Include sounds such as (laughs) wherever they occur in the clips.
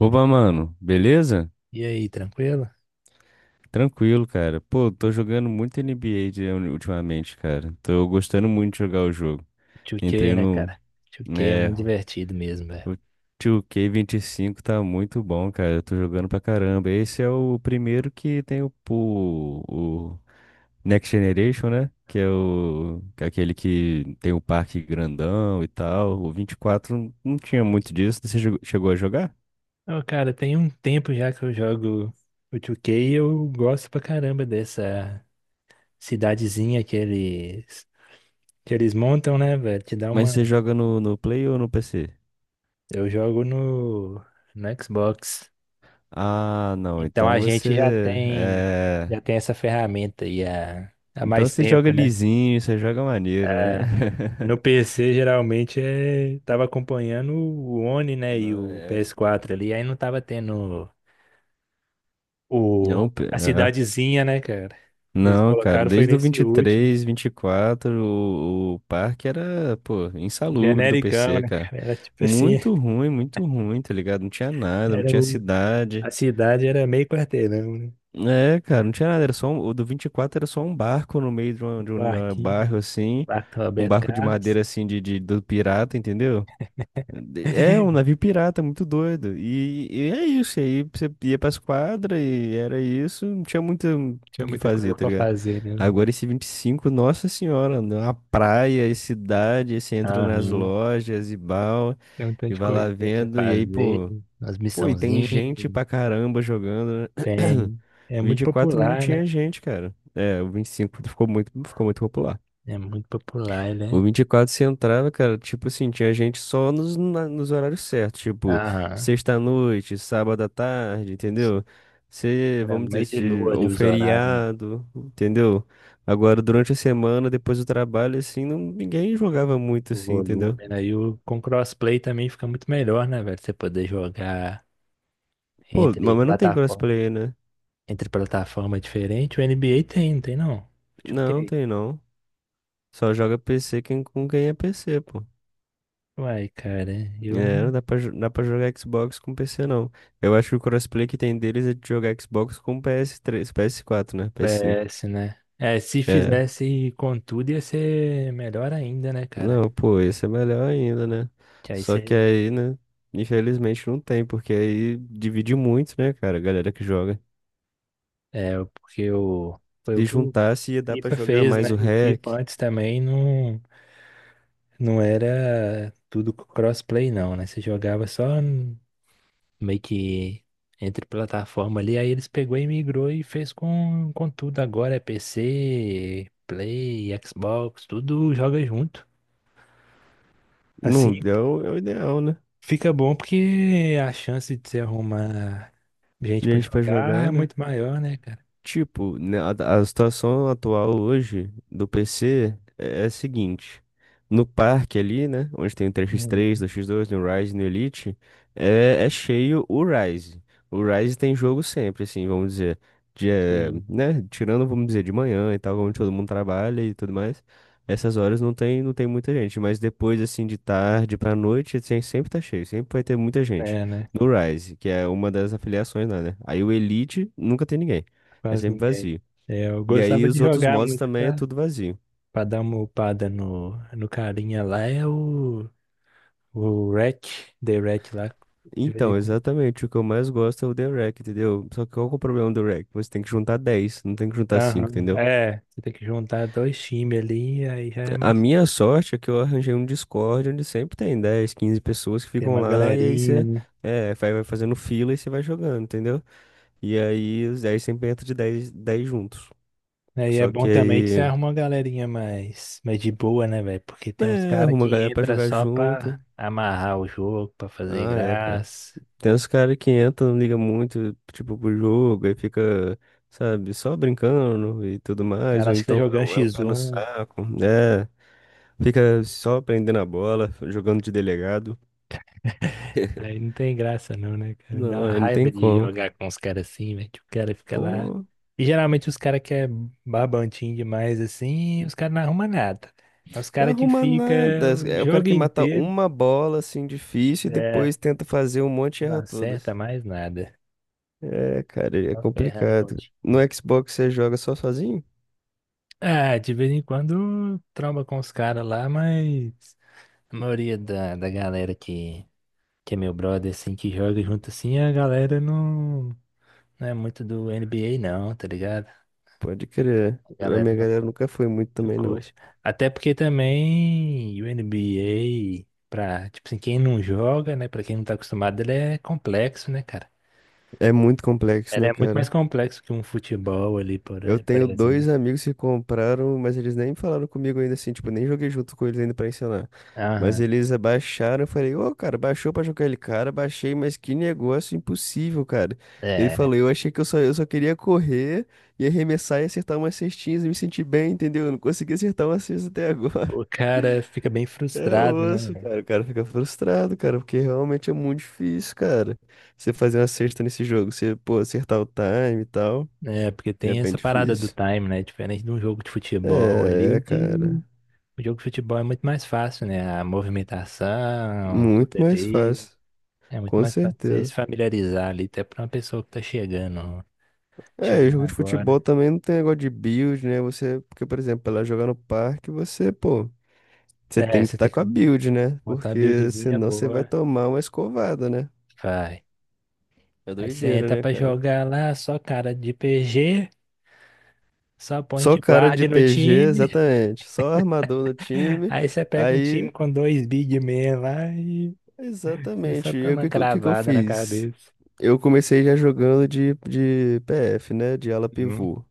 Opa, mano, beleza? E aí, tranquilo? Tranquilo, cara. Pô, tô jogando muito NBA ultimamente, cara. Tô gostando muito de jogar o jogo. 2K, Entrei né, no, cara? 2K é né, muito divertido mesmo, velho. o 2K25 tá muito bom, cara. Eu tô jogando pra caramba. Esse é o primeiro que tem o Next Generation, né? Que é o, que é aquele que tem o parque grandão e tal. O 24 não tinha muito disso. Chegou a jogar? Ô, cara, tem um tempo já que eu jogo o 2K e eu gosto pra caramba dessa cidadezinha que eles montam, né, velho? Te dá Mas uma. você joga no Play ou no PC? Eu jogo no Xbox. Ah, não. Então a Então gente já você tem, é. já tem essa ferramenta aí há Então mais você joga tempo, né? lisinho, você joga maneiro, né? É, no (laughs) PC geralmente é, tava acompanhando o One, né, e Não, o é. PS4 ali, aí não tava tendo o, a É. cidadezinha, né, cara? Eles Não, cara, colocaram foi desde o nesse último, 23, 24, o parque era, pô, insalubre do genericão, PC, né, cara. cara? Era tipo assim, Muito ruim, tá ligado? Não tinha nada, não era tinha o, cidade. a cidade era meio quarteirão, né? É, cara, não tinha nada, era só um, o do 24 era só um barco no meio de, uma- Um de um eh, bairro Quartinho, assim, quarto um Roberto barco de Carlos. madeira assim do pirata, entendeu? É um navio (laughs) pirata, muito doido. E é isso. E aí você ia pras quadras e era isso. Não tinha muito Tinha o que muita fazer, coisa tá pra ligado? fazer, né? Agora esse 25 nossa senhora, uma praia e cidade. Aí você entra nas Aham. lojas e bal Tem um tanto e de vai lá coisinha pra você vendo. E aí, pô, fazer, umas pô, e tem missãozinhas, gente pra caramba jogando, né? tem. É (clears throat) vinte muito e quatro não popular, tinha né? gente, cara. É, o 25 ficou muito popular. É muito popular, O né? 24 você entrava, cara, tipo assim, tinha gente só nos horários certos, tipo, Aham. sexta-noite, sábado à tarde, entendeu? Você, Era vamos dizer, meio de lua ali ou os horários, né? feriado, entendeu? Agora, durante a semana, depois do trabalho, assim, não, ninguém jogava muito, O assim, entendeu? volume, né? Com crossplay também fica muito melhor, né, velho? Você poder jogar Pô, entre mas não tem plataforma, crossplay, né? entre plataforma diferente. O NBA tem, não tem não? Não, Ok. tem não. Só joga PC quem, com quem é PC, pô. Uai, cara, eu É, não não dá pra, jo- dá pra jogar Xbox com PC, não. Eu acho que o crossplay que tem deles é de jogar Xbox com PS3, PS4, né? PS5. PS, né? É, se É. fizesse com tudo ia ser melhor ainda, né, cara? Não, pô, esse é melhor ainda, né? Que aí Só que você. aí, né? Infelizmente não tem, porque aí divide muito, né, cara, a galera que joga. É, porque o. Foi o Se que o juntasse, ia dar pra FIFA jogar fez, mais né? o O FIFA hack. antes também não. Não era tudo crossplay, não, né? Você jogava só meio que entre plataforma ali, aí eles pegou e migrou e fez com tudo. Agora é PC, Play, Xbox, tudo joga junto. Não, Assim é o ideal, né? fica bom porque a chance de você arrumar gente pra Gente pra jogar é jogar, né? muito maior, né, cara? Tipo, né, a situação atual hoje do PC é a seguinte. No parque ali, né? Onde tem o 3x3, Uhum. 2x2, no Rise, no Elite, é cheio o Rise. O Rise tem jogo sempre, assim, vamos dizer. Sim, Né? Tirando, vamos dizer, de manhã e tal, onde todo mundo trabalha e tudo mais. Essas horas não tem muita gente. Mas depois, assim, de tarde pra noite, assim, sempre tá cheio. Sempre vai ter muita gente. é, né? No Rise, que é uma das afiliações lá, né? Aí o Elite nunca tem ninguém. É Quase sempre ninguém. vazio. É, eu E aí gostava de os outros jogar modos muito também é tudo vazio. pra dar uma upada no carinha lá, é o. O REC, The REC lá. De vez em Então, quando. exatamente, o que eu mais gosto é o The Wreck, entendeu? Só que qual que é o problema do Wreck? Você tem que juntar 10 não tem que juntar 5 Aham, entendeu? é. Você tem que juntar dois times ali, aí já é A mais. minha sorte é que eu arranjei um Discord onde sempre tem 10 15 pessoas que Tem ficam uma lá e aí galerinha, você né? é, vai fazendo fila e você vai jogando, entendeu? E aí os 10 sempre entram de 10 10 juntos. Aí é Só que bom também que você aí, arruma uma galerinha mais de boa, né, velho? Porque tem uns é, caras arruma a que galera pra entra jogar só pra junto. amarrar o jogo, pra fazer Ah, é, cara. graça. Tem uns caras que entram, não liga muito, tipo, pro jogo, aí fica, sabe, só brincando e tudo mais, Cara, ou acho que tá então jogando é um pé no X1. saco, né? Fica só prendendo a bola, jogando de delegado. Aí não tem graça não, né, cara? Dá Não, uma aí não raiva tem de como. jogar com os caras assim, velho. Tipo, o cara fica lá. Pô, E geralmente os caras que é babantinho demais assim, os caras não arrumam nada. É os não caras que arruma fica nada. o É o cara jogo que mata inteiro, uma bola, assim, difícil, e é, depois tenta fazer um monte e não erra acerta todas. mais nada. É, cara, é Só ferrando com o complicado. time. No Xbox você joga só sozinho? Ah, de vez em quando tromba com os caras lá, mas a maioria da galera que é meu brother, assim, que joga junto assim, a galera não é muito do NBA não, tá ligado? Pode crer. A Galera, minha não, galera nunca foi muito não também, não. curte. Até porque também o NBA, pra, tipo assim, quem não joga, né? Pra quem não tá acostumado, ele é complexo, né, cara? É muito complexo, Ele né, é muito mais cara? complexo que um futebol ali, Eu por tenho exemplo. dois amigos que compraram, mas eles nem falaram comigo ainda assim, tipo, nem joguei junto com eles ainda pra ensinar. Mas Aham. eles abaixaram, eu falei, ô, cara, baixou pra jogar ele, cara, baixei, mas que negócio impossível, cara. Ele É. falou, eu achei que eu só queria correr e arremessar e acertar umas cestinhas e me sentir bem, entendeu? Eu não consegui acertar uma cesta até agora. O (laughs) cara fica bem É frustrado, osso, né? cara, o cara fica frustrado, cara, porque realmente é muito difícil, cara. Você fazer uma cesta nesse jogo, você, pô, acertar o time e tal, É, porque é tem bem essa parada do difícil. time, né? Diferente de um jogo de futebol ali, É, de cara. o jogo de futebol é muito mais fácil, né? A movimentação, tudo Muito mais ali. fácil. É muito Com mais fácil você se certeza. familiarizar ali, até pra uma pessoa que tá É, e chegando jogo de agora. futebol também não tem negócio de build, né? Você, porque, por exemplo, ela jogar no parque, você, pô, você É, tem que você estar tem com que a build, né? montar uma Porque buildzinha senão você vai boa. tomar uma escovada, né? Vai. É Aí você doideira, entra né, pra cara? jogar lá, só cara de PG, só Só point cara guard de no PG, time. exatamente. Só armador no (laughs) time. Aí você pega um time Aí, com dois big men lá e você só exatamente. E aí, toma o que que eu cravada na fiz? cabeça. Eu comecei já jogando de PF, né? De ala Hum. pivô.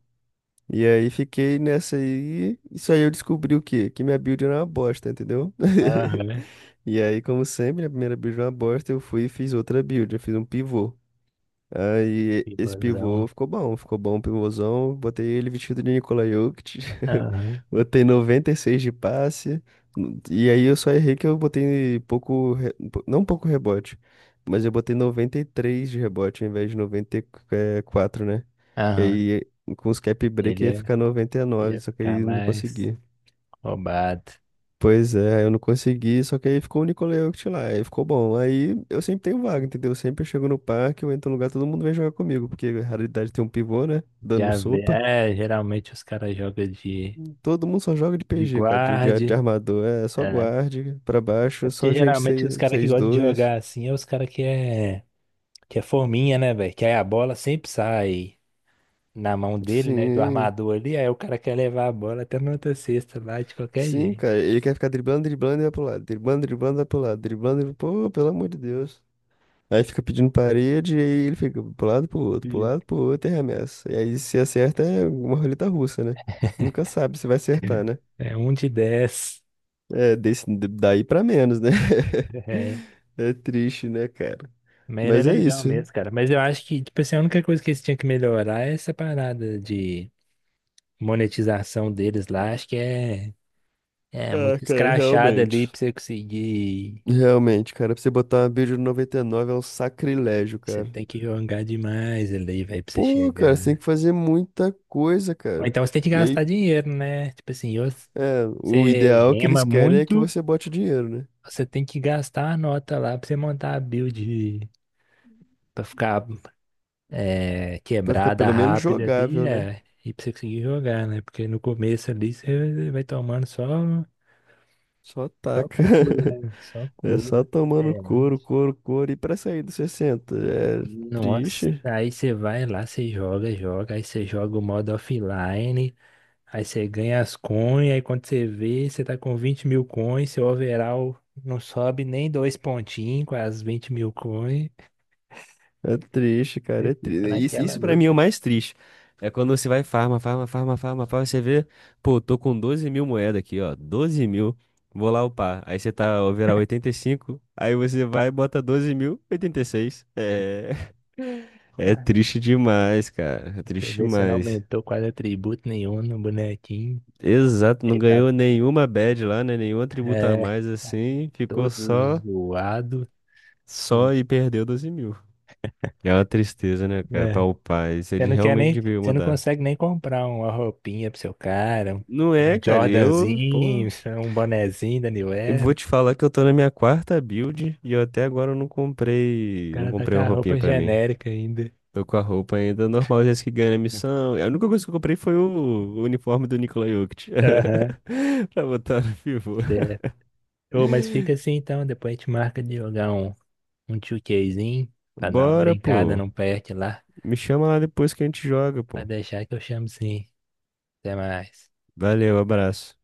E aí fiquei nessa aí. Isso aí eu descobri o quê? Que minha build era uma bosta, entendeu? Aham, (laughs) né? E aí, como sempre, né, a primeira build era uma bosta, eu fui e fiz outra build. Eu fiz um pivô. Aí esse pivô Pivôzão. Ficou bom o pivôzão. Botei ele vestido de Nikola Jokic. Aham, (laughs) Botei 96 de passe. E aí eu só errei que eu botei pouco, não pouco rebote, mas eu botei 93 de rebote ao invés de 94, né? Que aham. aí com os cap break Ele ia ficar 99, ia só que ficar aí eu não mais consegui. roubado. Pois é, eu não consegui, só que aí ficou o Nicole Jokic lá, aí ficou bom. Aí eu sempre tenho vaga, entendeu? Sempre eu chego no parque, eu entro no lugar, todo mundo vem jogar comigo, porque a raridade tem um pivô, né? Dando Já vê. sopa. É, geralmente os caras jogam Todo mundo só joga de de PG, cara, de guarde. armador. É só É. guarde, pra É baixo, porque só gente geralmente os caras que gostam de 6-2. jogar assim é os caras que é, forminha, né, velho? Que aí a bola sempre sai na mão dele, né? Do Sim, armador ali. Aí o cara quer levar a bola até na outra cesta lá de qualquer sim, jeito. cara. Ele quer ficar driblando, driblando e vai pro lado, driblando, driblando, vai pro lado, driblando, driblando. Pô, pelo amor de Deus. Aí fica pedindo parede, e aí ele fica pro lado, pro outro, pro Sim. lado, pro outro e arremessa. E aí se acerta é uma roleta russa, né? Nunca sabe se vai acertar, né? É um de dez. (laughs) É, desse, daí pra menos, né? (laughs) É. É triste, né, cara? Mas ele é Mas é legal isso. mesmo, cara. Mas eu acho que, tipo assim, a única coisa que eles tinham que melhorar é essa parada de monetização deles lá. Acho que é. É Ah, muito cara, escrachado ali realmente. pra você conseguir. Realmente, cara, pra você botar uma build no 99 é um sacrilégio, Você cara. tem que jogar demais ali, velho, pra você Pô, cara, você tem chegar. que fazer muita coisa, Ou cara. então você tem que E gastar aí, dinheiro, né? Tipo assim, ou é, o você ideal que eles rema querem é que muito, você bote dinheiro, né? você tem que gastar a nota lá pra você montar a build pra ficar é, Pra ficar quebrada pelo menos rápida jogável, ali, né? é. E pra você conseguir jogar, né? Porque no começo ali você vai tomando Só só taca. couro, né? Só (laughs) É só couro. tomando É. couro, couro, couro. E pra sair dos 60 é Nossa, triste. aí você vai lá, você joga, joga, aí você joga o modo offline, aí você ganha as coins, aí quando você vê, você tá com 20 mil coins, seu overall não sobe nem dois pontinhos com as 20 mil coins, É triste, cara. É fica triste. Isso, naquela isso pra mim é o luta. mais triste. É quando você vai farma, farma, farma, farma, farma. Você vê, pô, tô com 12.000 moedas aqui, ó. 12.000. Vou lá upar. Aí você tá overall 85. Aí você vai e bota 12.000, 86. É, (laughs) é Tá, aí triste demais, cara. É você triste vê se não demais. aumentou quase atributo nenhum no bonequinho, Exato, não aí tá ganhou nenhuma badge lá, né? Nenhum atributo a é, mais assim, ficou todo só. zoado. Só e perdeu 12.000. É uma tristeza, né, cara? Para É. o pai. Ele realmente devia Você não mudar. consegue nem comprar uma roupinha pro seu cara, um Não é, cara. Eu, pô. Jordanzinho, (laughs) um bonezinho da New Eu Era. vou O te falar que eu tô na minha quarta build e eu até agora eu não comprei. Não cara tá com comprei uma a roupinha roupa pra mim. genérica ainda. Tô com a roupa ainda normal, já que ganha a missão. A única coisa que eu comprei foi o uniforme do Nikola Jokic. Aham, (laughs) Pra botar no pivô. certo. Ô, mas fica assim então, depois a gente marca de jogar um, 2Kzinho pra dar uma Bora, brincada, pô. não perde lá. Me chama lá depois que a gente joga, Vai pô. deixar que eu chamo sim. Até mais. Valeu, abraço.